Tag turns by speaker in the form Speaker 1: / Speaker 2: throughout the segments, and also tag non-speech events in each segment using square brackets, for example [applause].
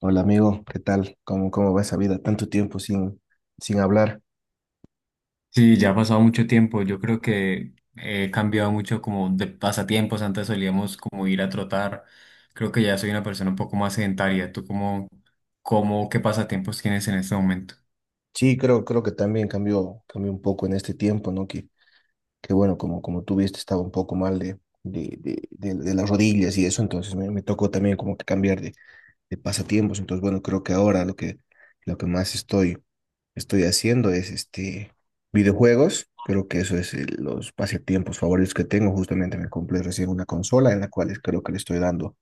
Speaker 1: Hola amigo, ¿qué tal? ¿Cómo va esa vida? Tanto tiempo sin hablar.
Speaker 2: Sí, ya ha pasado mucho tiempo. Yo creo que he cambiado mucho como de pasatiempos. Antes solíamos como ir a trotar. Creo que ya soy una persona un poco más sedentaria. ¿Tú cómo, qué pasatiempos tienes en este momento?
Speaker 1: Sí, creo que también cambió un poco en este tiempo, ¿no? Que bueno, como tú viste, estaba un poco mal de las rodillas y eso, entonces me tocó también como que cambiar de pasatiempos. Entonces, bueno, creo que ahora lo que más estoy haciendo es este videojuegos. Creo que eso es los pasatiempos favoritos que tengo. Justamente me compré recién una consola en la cual creo que le estoy dando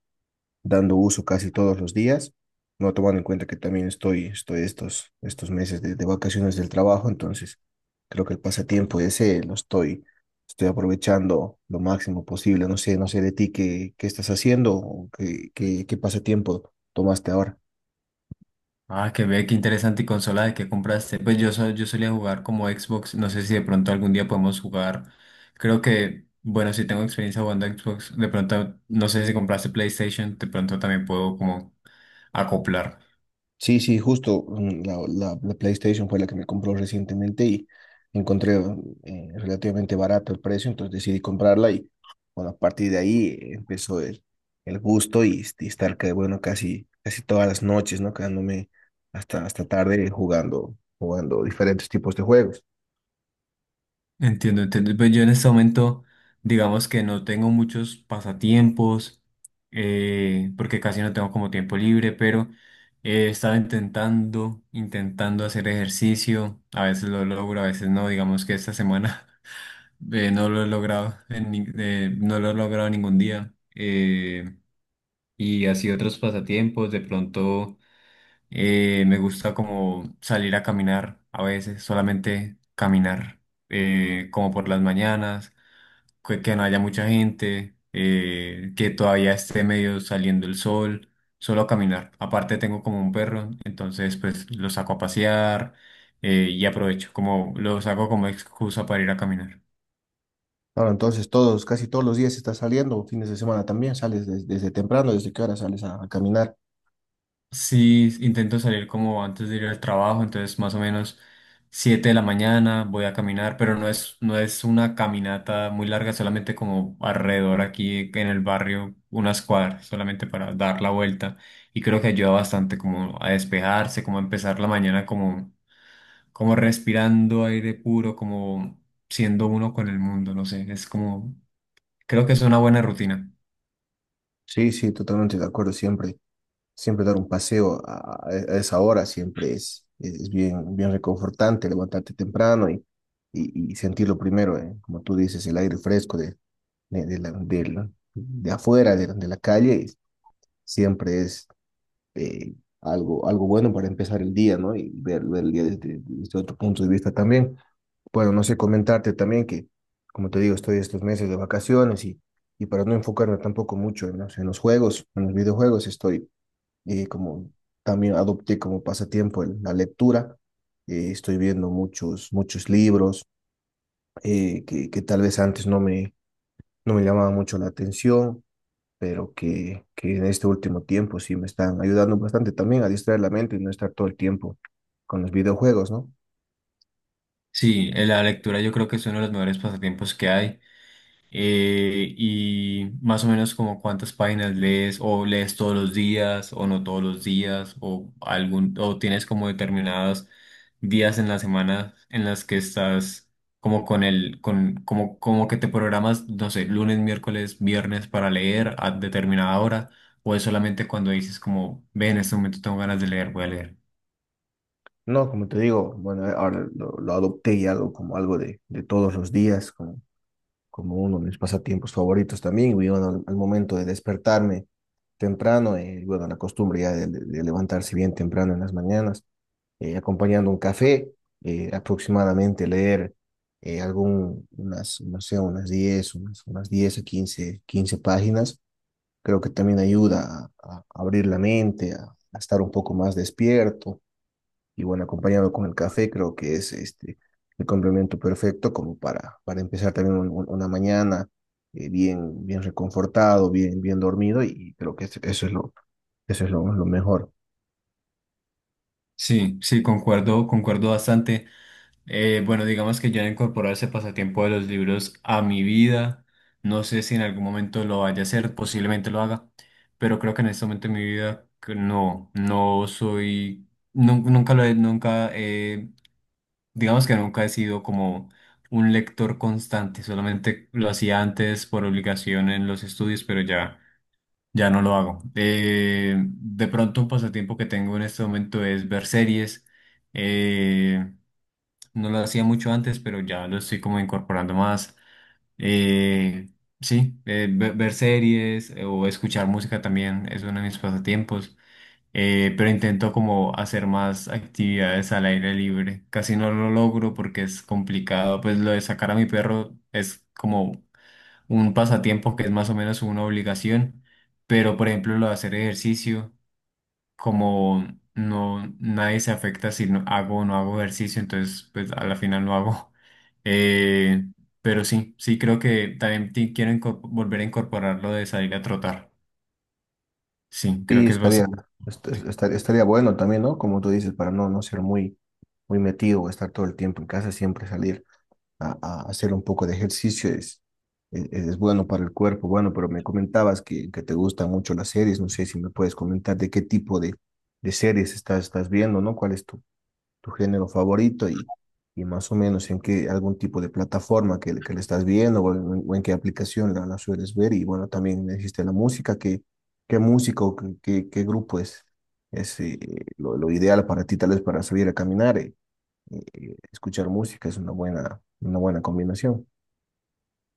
Speaker 1: dando uso casi todos los días, no tomando en cuenta que también estoy estos meses de vacaciones del trabajo, entonces creo que el pasatiempo ese lo estoy aprovechando lo máximo posible. No sé de ti qué estás haciendo o qué pasatiempo tomaste ahora.
Speaker 2: Ah, que ve, qué interesante. ¿Y consola de qué compraste? Pues yo, yo solía jugar como Xbox. No sé si de pronto algún día podemos jugar. Creo que, bueno, si tengo experiencia jugando a Xbox, de pronto, no sé si compraste PlayStation, de pronto también puedo como acoplar.
Speaker 1: Sí, sí, justo la PlayStation fue la que me compró recientemente y encontré relativamente barato el precio, entonces decidí comprarla y bueno, a partir de ahí empezó el gusto y estar que, bueno, casi todas las noches, ¿no? Quedándome hasta tarde jugando diferentes tipos de juegos.
Speaker 2: Entiendo, entiendo. Pues yo en este momento, digamos que no tengo muchos pasatiempos, porque casi no tengo como tiempo libre, pero he estado intentando hacer ejercicio. A veces lo logro, a veces no. Digamos que esta semana [laughs] no lo he logrado, en ni- no lo he logrado ningún día. Y así otros pasatiempos, de pronto me gusta como salir a caminar, a veces solamente caminar, como por las mañanas que no haya mucha gente, que todavía esté medio saliendo el sol, solo a caminar. Aparte tengo como un perro, entonces pues lo saco a pasear y aprovecho, como lo saco como excusa para ir a caminar.
Speaker 1: Ahora, entonces casi todos los días estás saliendo, fines de semana también, sales desde temprano, desde qué hora sales a caminar.
Speaker 2: Sí, intento salir como antes de ir al trabajo, entonces más o menos 7 de la mañana voy a caminar, pero no es una caminata muy larga, solamente como alrededor aquí en el barrio, unas cuadras, solamente para dar la vuelta. Y creo que ayuda bastante como a despejarse, como a empezar la mañana como respirando aire puro, como siendo uno con el mundo, no sé, es como, creo que es una buena rutina.
Speaker 1: Sí, sí, totalmente de acuerdo siempre. Siempre dar un paseo a esa hora siempre es bien, bien reconfortante, levantarte temprano y, y sentirlo primero, como tú dices, el aire fresco de afuera, de la calle, siempre es eh, algo bueno para empezar el día, ¿no? Y ver el día desde otro punto de vista también. Bueno, no sé, comentarte también que, como te digo, estoy estos meses de vacaciones y para no enfocarme tampoco mucho en los juegos, en los videojuegos, estoy y como también adopté como pasatiempo la lectura. Estoy viendo muchos libros que tal vez antes no me llamaban mucho la atención, pero que en este último tiempo sí me están ayudando bastante también a distraer la mente y no estar todo el tiempo con los videojuegos, ¿no?
Speaker 2: Sí, la lectura yo creo que es uno de los mejores pasatiempos que hay. Y más o menos como cuántas páginas lees o lees todos los días o no todos los días o algún o tienes como determinados días en la semana en las que estás como con el con como como que te programas no sé lunes, miércoles, viernes para leer a determinada hora o es solamente cuando dices como ve en este momento tengo ganas de leer voy a leer.
Speaker 1: No, como te digo, bueno, ahora lo adopté y hago como algo de todos los días, como, como uno de mis pasatiempos favoritos también. Y bueno, al momento de despertarme temprano, bueno, la costumbre ya de levantarse bien temprano en las mañanas, acompañando un café, aproximadamente leer algún, unas, no sé, unas diez a quince páginas. Creo que también ayuda a abrir la mente, a estar un poco más despierto. Y bueno, acompañado con el café, creo que es este, el complemento perfecto como para empezar también una mañana bien, bien reconfortado, bien, bien dormido. Y creo que es lo, eso es lo mejor.
Speaker 2: Sí, sí, concuerdo, concuerdo bastante. Bueno, digamos que ya he incorporado ese pasatiempo de los libros a mi vida. No sé si en algún momento lo vaya a hacer, posiblemente lo haga, pero creo que en este momento de mi vida que no, no soy, nun- nunca lo he, nunca he- digamos que nunca he sido como un lector constante, solamente lo hacía antes por obligación en los estudios, pero ya no lo hago. De pronto un pasatiempo que tengo en este momento es ver series. eh, no lo hacía mucho antes, pero ya lo estoy como incorporando más. Eh, sí, ver series o escuchar música también es uno de mis pasatiempos. Pero intento como hacer más actividades al aire libre. Casi no lo logro porque es complicado. Pues lo de sacar a mi perro es como un pasatiempo que es más o menos una obligación. Pero por ejemplo lo de hacer ejercicio como no, nadie se afecta si no hago o no hago ejercicio, entonces pues a la final no hago. [laughs] Eh, pero sí, sí creo que también volver a incorporar lo de salir a trotar. Sí, creo
Speaker 1: Y
Speaker 2: que es
Speaker 1: estaría,
Speaker 2: bastante.
Speaker 1: est- est- estar- estaría bueno también, ¿no? Como tú dices, para no ser muy metido o estar todo el tiempo en casa, siempre salir a hacer un poco de ejercicio es bueno para el cuerpo. Bueno, pero me comentabas que te gustan mucho las series, no sé si me puedes comentar de qué tipo de series estás viendo, ¿no? ¿Cuál es tu género favorito y más o menos en qué algún tipo de plataforma que le estás viendo o en qué aplicación la sueles ver. Y bueno, también existe la música, qué música o qué grupo es lo ideal para ti, tal vez para salir a caminar. Escuchar música es una buena combinación.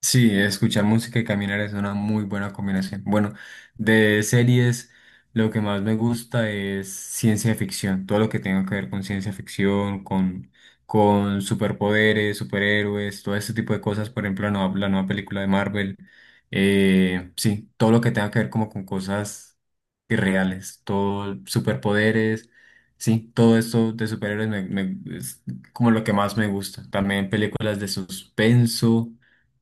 Speaker 2: Sí, escuchar música y caminar es una muy buena combinación. Bueno, de series, lo que más me gusta es ciencia ficción, todo lo que tenga que ver con ciencia ficción, con superpoderes, superhéroes, todo ese tipo de cosas. Por ejemplo, la nueva película de Marvel. Sí, todo lo que tenga que ver como con cosas irreales, todo superpoderes. Sí, todo esto de superhéroes es como lo que más me gusta. También películas de suspenso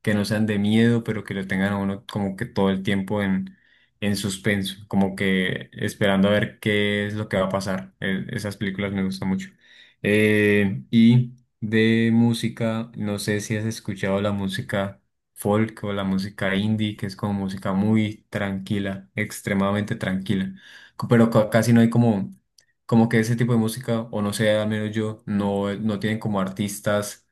Speaker 2: que no sean de miedo, pero que lo tengan a uno como que todo el tiempo en suspenso, como que esperando a ver qué es lo que va a pasar. Esas películas me gustan mucho. Y de música, no sé si has escuchado la música folk o la música indie, que es como música muy tranquila, extremadamente tranquila, pero casi no hay como... Como que ese tipo de música, o no sé, al menos yo, no tienen como artistas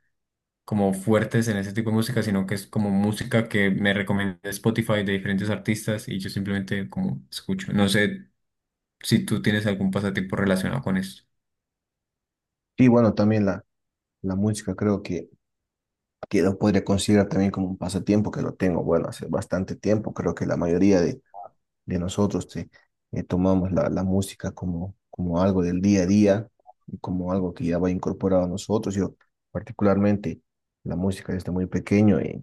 Speaker 2: como fuertes en ese tipo de música, sino que es como música que me recomienda Spotify de diferentes artistas y yo simplemente como escucho. No sé si tú tienes algún pasatiempo relacionado con esto.
Speaker 1: Y bueno, también la música creo que lo podría considerar también como un pasatiempo que lo tengo, bueno, hace bastante tiempo, creo que la mayoría de nosotros, tomamos la música como, como algo del día a día y como algo que ya va incorporado a nosotros. Yo particularmente la música desde muy pequeño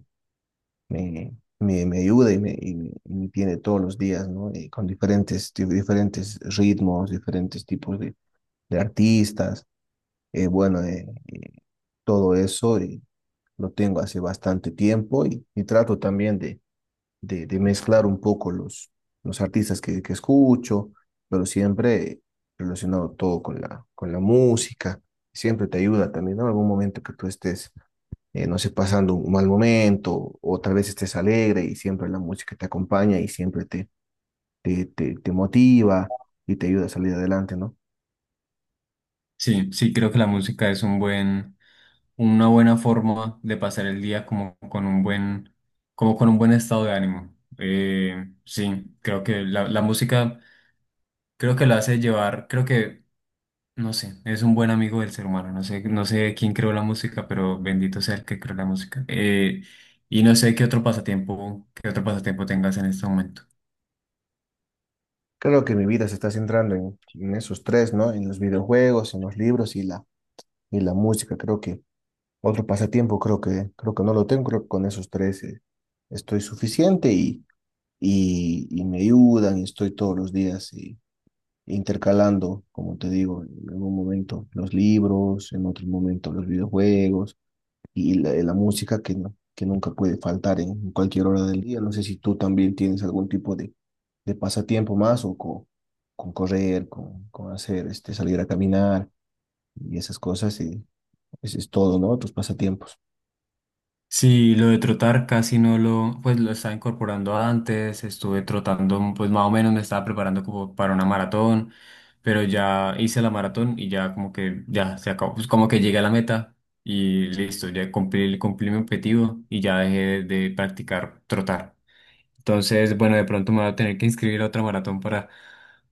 Speaker 1: me, me ayuda y me tiene todos los días, ¿no? Con diferentes ritmos, diferentes tipos de artistas. Eh, bueno, eh, eh, todo eso lo tengo hace bastante tiempo y trato también de mezclar un poco los artistas que escucho, pero siempre relacionado todo con la música. Siempre te ayuda también, ¿no? En algún momento que tú no sé, pasando un mal momento o tal vez estés alegre y siempre la música te acompaña y siempre te motiva y te ayuda a salir adelante, ¿no?
Speaker 2: Sí, sí, creo que la música es un buen, una buena forma de pasar el día como con un buen, como con un buen estado de ánimo. Sí, creo que la música, creo que la hace llevar, creo que no sé, es un buen amigo del ser humano. No sé, no sé quién creó la música, pero bendito sea el que creó la música. Y no sé qué otro pasatiempo tengas en este momento.
Speaker 1: Creo que mi vida se está centrando en esos tres, ¿no? En los videojuegos, en los libros y la música. Creo que otro pasatiempo creo que no lo tengo, creo que con esos tres estoy suficiente y, y me ayudan y estoy todos los días y, intercalando, como te digo, en un momento los libros, en otro momento los videojuegos y la música que nunca puede faltar en cualquier hora del día. No sé si tú también tienes algún tipo de pasatiempo más con correr, con hacer, este, salir a caminar y esas cosas y eso es todo, ¿no? Tus pasatiempos.
Speaker 2: Sí, lo de trotar casi no lo, pues lo estaba incorporando antes. Estuve trotando, pues más o menos me estaba preparando como para una maratón, pero ya hice la maratón y ya como que ya se acabó. Pues como que llegué a la meta y listo, ya cumplí, cumplí mi objetivo y ya dejé de practicar trotar. Entonces, bueno, de pronto me voy a tener que inscribir a otra maratón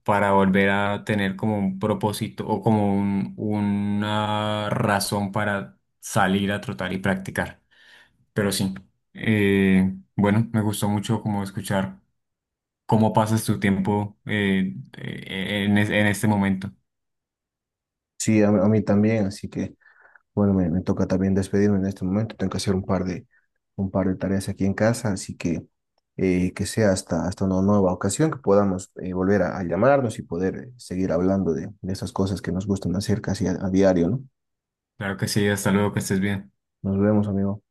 Speaker 2: para volver a tener como un propósito o como una razón para salir a trotar y practicar. Pero sí, bueno, me gustó mucho como escuchar cómo pasas tu tiempo en este momento.
Speaker 1: Sí, a mí también, así que bueno, me toca también despedirme en este momento. Tengo que hacer un par un par de tareas aquí en casa, así que sea hasta una nueva ocasión, que podamos volver a llamarnos y poder seguir hablando de esas cosas que nos gustan hacer casi a diario, ¿no?
Speaker 2: Claro que sí, hasta luego, que estés bien.
Speaker 1: Nos vemos, amigo.